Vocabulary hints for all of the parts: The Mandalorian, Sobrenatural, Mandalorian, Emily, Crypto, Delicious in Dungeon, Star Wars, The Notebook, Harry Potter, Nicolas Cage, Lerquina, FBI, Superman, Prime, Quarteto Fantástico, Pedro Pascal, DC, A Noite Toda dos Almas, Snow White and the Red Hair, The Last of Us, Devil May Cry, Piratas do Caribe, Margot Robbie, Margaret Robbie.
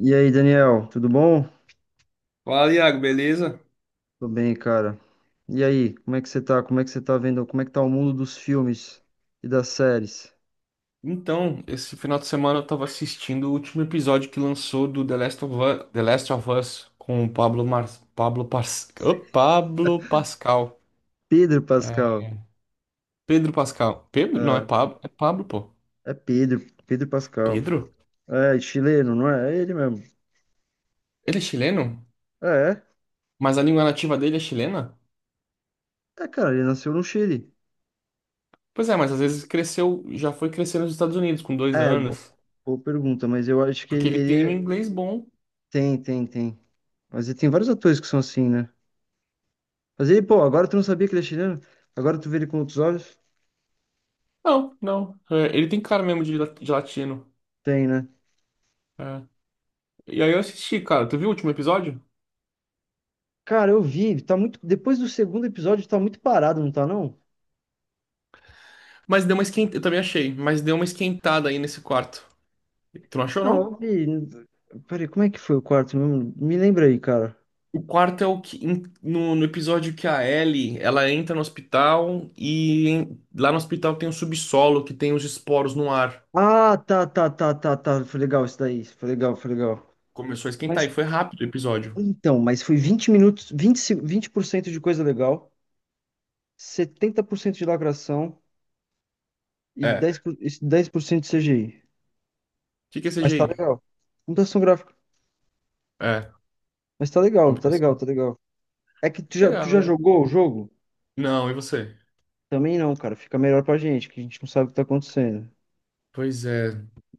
E aí, Daniel, tudo bom? Fala, Iago, beleza? Tô bem, cara. E aí, como é que você tá? Como é que você tá vendo? Como é que tá o mundo dos filmes e das séries? Então, esse final de semana eu tava assistindo o último episódio que lançou do The Last of Us, The Last of Us com o Pablo Mar... Pablo Pas... Ô, Pablo Pascal. Pedro É, Pascal. Pedro Pascal. Pedro? Não, É, é Pablo, pô. é Pedro, Pedro Pascal. Pedro? É, é chileno, não é? É ele mesmo. Ele é chileno? É, é. Mas a língua nativa dele é chilena? É, cara, ele nasceu no Chile. Pois é, mas às vezes cresceu, já foi crescer nos Estados Unidos com dois É, anos, boa pergunta, mas eu acho que porque ele, ele tem um ele é- inglês bom. Tem, tem, tem. Mas ele tem vários atores que são assim, né? Mas ele, pô, agora tu não sabia que ele é chileno? Agora tu vê ele com outros olhos? Não, não. É, ele tem cara mesmo de, de latino. Tem, né? É. E aí eu assisti, cara. Tu viu o último episódio? Cara, eu vi, tá muito. Depois do segundo episódio, tá muito parado, não tá, não? Mas deu uma esquentada, eu também achei, mas deu uma esquentada aí nesse quarto. Tu não achou, Não, não? eu vi. Peraí, como é que foi o quarto mesmo? Me lembra aí, cara. O quarto é o que no episódio que a Ellie, ela entra no hospital e em- lá no hospital tem um subsolo que tem os esporos no ar. Ah, tá, tá, tá, tá, tá. Foi legal isso daí. Foi legal, foi legal. Começou a esquentar Mas e foi rápido o episódio. então, mas foi 20 minutos, 20 se- 20% de coisa legal, 70% de lacração e É. O 10% de CGI. que que é Mas tá CGI? legal. Computação gráfica. É, Mas tá legal, tá legal, computação. tá legal. É que tu já, tu Legal, já né? jogou o jogo? Não, e você? Também não, cara. Fica melhor pra gente, que a gente não sabe o que tá acontecendo. Pois é,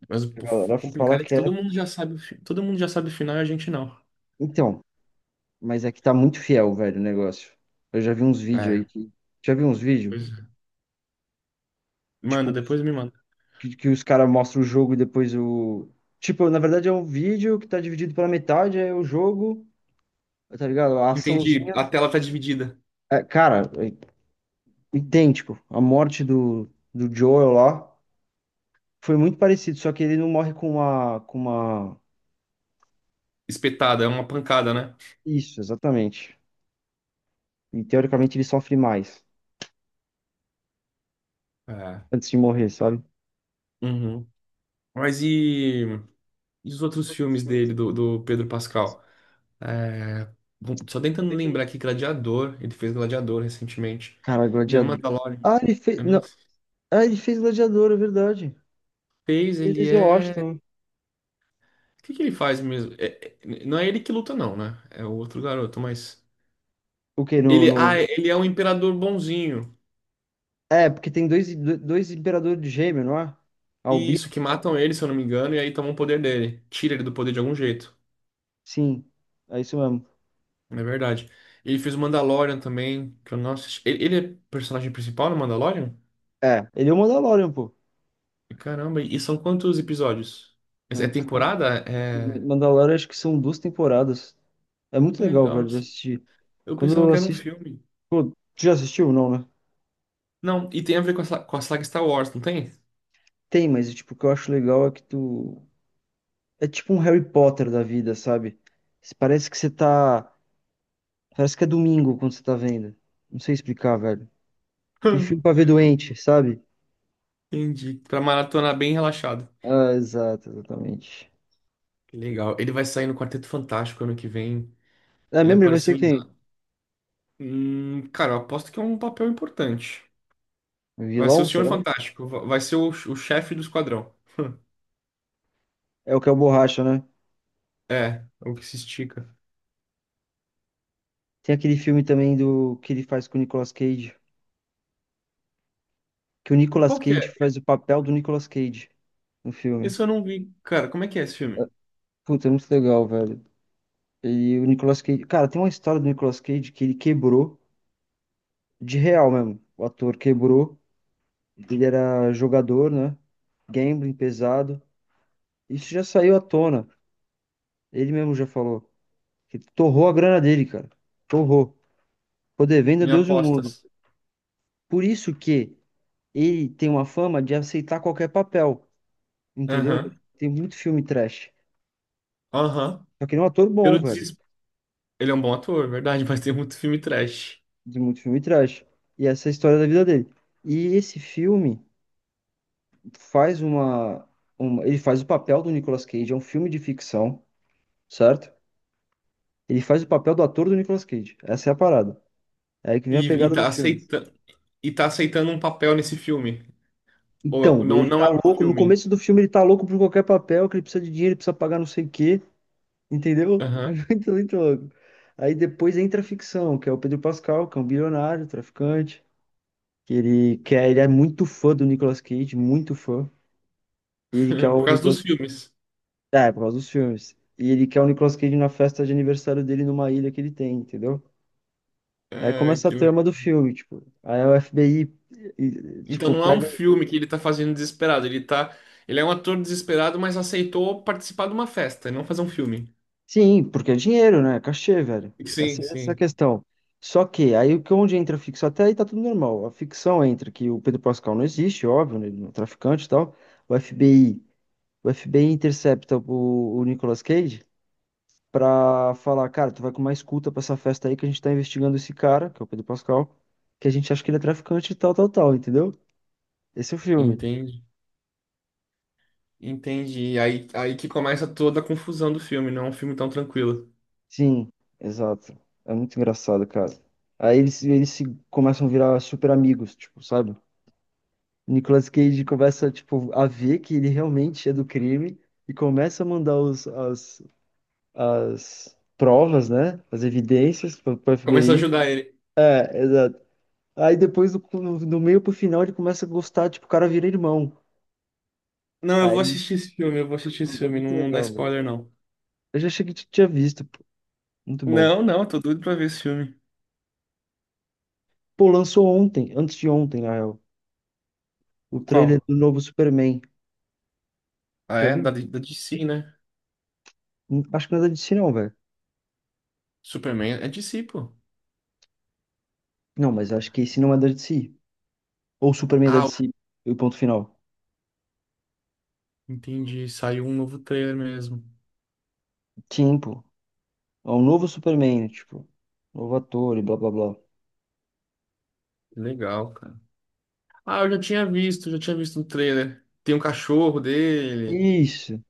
mas o A o galera fala complicado é que que todo é. mundo já sabe, o fi- todo mundo já sabe o final e a gente não. Então, mas é que tá muito fiel, velho, o negócio. Eu já vi uns vídeos aí É, que. Já vi uns vídeos? pois é. Manda, Tipo, depois me manda. que os caras mostram o jogo e depois o. Tipo, na verdade é um vídeo que tá dividido pela metade, é o jogo, tá ligado? A Entendi, açãozinha. a tela tá dividida. É, cara, é idêntico. A morte do Joel lá foi muito parecido, só que ele não morre com uma, com uma. Espetada, é uma pancada, né? Isso, exatamente. E teoricamente ele sofre mais É. antes de morrer, sabe? Uhum. Mas e os outros filmes dele, do Pedro Pascal? É, bom, só tentando lembrar aqui, Gladiador, ele fez Gladiador recentemente. Cara, The Gladiador. Mandalorian. Ah, ele fez. Eu não Não. Ah, ele fez Gladiador, é verdade. fez, Ele ele fez é. Washington. O que que ele faz mesmo? Não é ele que luta, não, né? É o outro garoto, mas. O quê? No, Ele, no... ah, ele é um imperador bonzinho. É, porque tem dois imperadores de gêmeo, não é? Albi? Isso, que matam ele, se eu não me engano, e aí tomam o poder dele. Tira ele do poder de algum jeito. Sim. É isso mesmo. É verdade. Ele fez o Mandalorian também, que eu não assisti. Ele é personagem principal no Mandalorian? É, ele é o Mandalorian, pô. Caramba, e são quantos episódios? É é temporada? É. Mandalorian acho que são duas temporadas. É muito Que legal, legal. velho, de assistir. Eu Quando pensava eu que era um assisto. filme. Pô, tu já assistiu? Não, né? Não, e tem a ver com a, com a saga Star Wars, não tem? Tem, mas tipo, o que eu acho legal é que tu. É tipo um Harry Potter da vida, sabe? Parece que você tá. Parece que é domingo quando você tá vendo. Não sei explicar, velho. Aquele filme pra ver doente, sabe? Entendi. Pra maratonar bem relaxado. Ah, exato, exatamente. Que legal. Ele vai sair no Quarteto Fantástico ano que vem. Ah, Ele lembra vai ser apareceu em. quem? Cara, eu aposto que é um papel importante. Vai ser o Vilão, Senhor será? Fantástico. Vai ser o chefe do esquadrão. É o que é o Borracha, né? É, é o que se estica. Tem aquele filme também do que ele faz com o Nicolas Cage. Que o Qual Nicolas que Cage faz o papel do Nicolas Cage no filme. isso eu não vi. Cara, como é que é esse filme? Puta, é muito legal, velho. E o Nicolas Cage. Cara, tem uma história do Nicolas Cage que ele quebrou, de real mesmo. O ator quebrou. Ele era jogador, né? Gambling pesado. Isso já saiu à tona. Ele mesmo já falou que torrou a grana dele, cara. Torrou. Ficou devendo a Me Deus e o mundo. apostas. Por isso que ele tem uma fama de aceitar qualquer papel, entendeu? Aham. Tem muito filme trash. Aham. Só que ele é um ator bom, Pelo velho. desespero. Ele é um bom ator, é verdade, mas tem muito filme trash. Tem muito filme trash. E essa é a história da vida dele. E esse filme faz uma... Ele faz o papel do Nicolas Cage. É um filme de ficção, certo? Ele faz o papel do ator do Nicolas Cage. Essa é a parada. É aí que vem a E pegada do tá filme. aceitando e tá aceitando um papel nesse filme. Ou Então, não, ele não tá é um louco. No filme. começo do filme, ele tá louco por qualquer papel, que ele precisa de dinheiro, ele precisa pagar não sei o quê, entendeu? É Aham. muito, muito louco. Aí depois entra a ficção, que é o Pedro Pascal, que é um bilionário, traficante, que ele quer, ele é muito fã do Nicolas Cage, muito fã. E ele quer Por o causa dos Nicolas Cage. filmes. É, por causa dos filmes. E ele quer o Nicolas Cage na festa de aniversário dele numa ilha que ele tem, entendeu? Aí Ai, começa a que legal. trama do filme, tipo. Aí o FBI, e- Então tipo, não é um pega. filme que ele tá fazendo desesperado. Ele tá. Ele é um ator desesperado, mas aceitou participar de uma festa, e não fazer um filme. Sim, porque é dinheiro, né? É cachê, velho. Sim, Essa é a sim. questão. Só que aí o que onde entra a ficção, até aí tá tudo normal. A ficção entra que o Pedro Pascal não existe, óbvio, né? Ele não é um traficante e tal. O FBI, o FBI intercepta o Nicolas Cage pra falar, cara, tu vai com uma escuta pra essa festa aí que a gente tá investigando esse cara, que é o Pedro Pascal, que a gente acha que ele é traficante e tal, tal, tal, entendeu? Esse é o filme. Entendi. Entendi. Aí que começa toda a confusão do filme, não é um filme tão tranquilo. Sim, exato. É muito engraçado, cara. Aí eles se começam a virar super amigos, tipo, sabe? Nicolas Cage começa, tipo, a ver que ele realmente é do crime e começa a mandar as provas, né? As evidências para o Começa a FBI. ajudar ele. É, exato. Aí depois, no meio pro final, ele começa a gostar, tipo, o cara vira irmão. Não, eu vou Aí, assistir esse filme, eu vou assistir esse é filme, muito não, não dá legal, mano. spoiler, não. Eu já achei que tinha visto, pô. Muito bom. Não, não, tô doido pra ver esse filme. Pô, lançou ontem, antes de ontem, na real, o trailer Qual? do novo Superman. Ah, Já é? viu? Da, da DC, né? Acho que não é da DC, não, velho. Superman é DC, pô. Não, mas acho que esse não é da DC. Ou Superman é da Ah, DC. E o ponto final. entendi. Saiu um novo trailer mesmo. Tempo. Ó, um novo Superman, né, tipo, novo ator e blá blá blá. Legal, cara. Ah, eu já tinha visto um trailer. Tem um cachorro dele. Isso.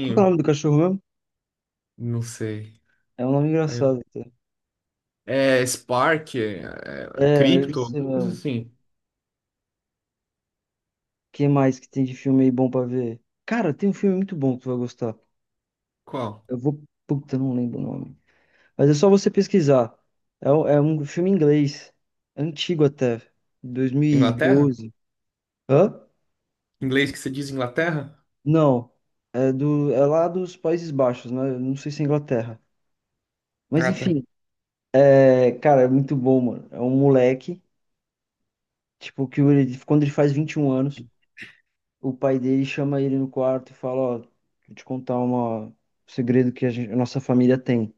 Qual que é o nome do cachorro mesmo? Não sei. É um nome Aí- engraçado até. é Spark, é, é, É, eu Crypto, sei alguma coisa mesmo. O assim. Que mais que tem de filme aí bom pra ver? Cara, tem um filme muito bom que tu vai gostar. Qual? Eu vou. Puta, eu não lembro o nome. Mas é só você pesquisar. É um filme inglês. Antigo até. Inglaterra? 2012. Hã? Inglês que você diz Inglaterra? Não. É, é lá dos Países Baixos, né? Eu não sei se é Inglaterra. Mas Ah, tá. enfim, é, cara, é muito bom, mano. É um moleque. Tipo, que ele, quando ele faz 21 anos, o pai dele chama ele no quarto e fala, ó, vou te contar um segredo que a nossa família tem.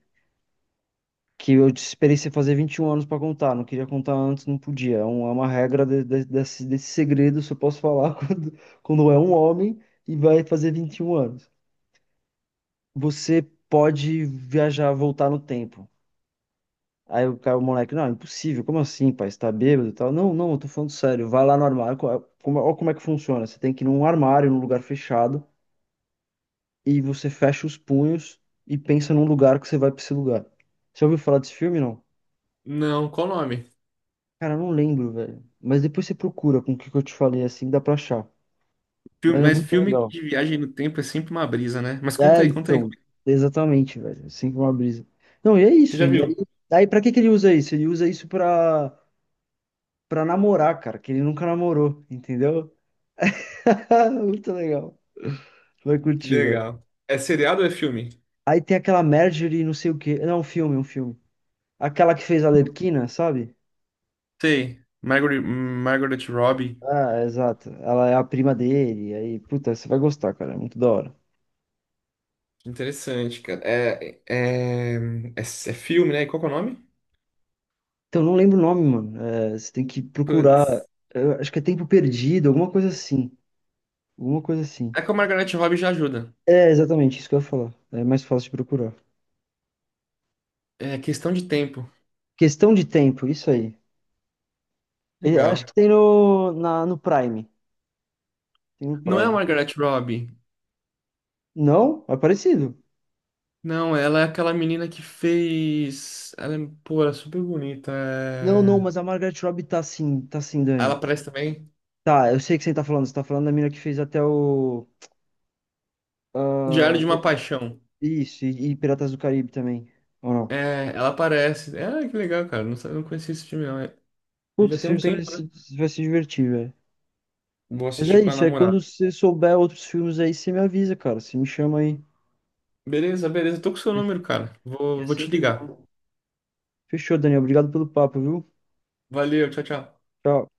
Que eu esperei você fazer 21 anos pra contar, não queria contar antes, não podia. É uma regra desse segredo, só posso falar quando é um homem e vai fazer 21 anos. Você pode viajar, voltar no tempo. Aí o cara, o moleque, não, impossível, como assim, pai? Você tá bêbado e tal? Não, não, eu tô falando sério. Vai lá no armário, como, olha como é que funciona. Você tem que ir num armário, num lugar fechado, e você fecha os punhos e pensa num lugar que você vai pra esse lugar. Você ouviu falar desse filme, não? Não, qual o nome? Cara, eu não lembro, velho. Mas depois você procura com o que que eu te falei, assim dá pra achar. Filme- Mas é mas muito filme legal. de viagem no tempo é sempre uma brisa, né? Mas conta É, aí, conta aí. então, exatamente, velho. Assim como uma brisa. Não, e é Você isso. já E aí, viu? Pra que que ele usa isso? Ele usa isso pra namorar, cara, que ele nunca namorou, entendeu? Muito legal. Vai Que curtir, velho. legal. É seriado ou é filme? Aí tem aquela Marjorie, não sei o quê. Não, um filme, um filme. Aquela que fez a Lerquina, sabe? Sei. Margaret, Margaret Robbie. Ah, exato. Ela é a prima dele. Aí, puta, você vai gostar, cara. É muito da hora. Interessante, cara. É filme, né? E qual que é o nome? Então, não lembro o nome, mano. É, você tem que procurar. Putz. Eu acho que é Tempo Perdido, alguma coisa assim. Alguma coisa assim. É que o Margaret Robbie já ajuda. É, exatamente, isso que eu ia falar. É mais fácil de procurar. É questão de tempo. Questão de tempo, isso aí. E acho Legal. que tem no Prime. Tem no Não é a Prime. Margaret Robbie. Não? É parecido. Não, ela é aquela menina que fez. Ela é, pô, ela é super bonita. Não, não, mas a É. Margaret Robbie tá sim, tá sim, Ela Dani. aparece também. Tá, eu sei que você tá falando. Você tá falando da mina que fez até o. Diário Ah, de uma Paixão. isso, e Piratas do Caribe também. Ou não? É, ela aparece. Ah, que legal, cara. Não, não conhecia esse filme, não. É, Puta, já tem você um vai tempo, se, né? você vai se divertir, velho. Vou Mas é assistir com a isso, aí namorada. quando você souber outros filmes aí, você me avisa, cara. Você me chama aí. Beleza, beleza. Tô com o seu número, cara. Que é Vou te sempre ligar. bom. Fechou, Dani. Obrigado pelo papo, viu? Valeu, tchau, tchau. Tchau.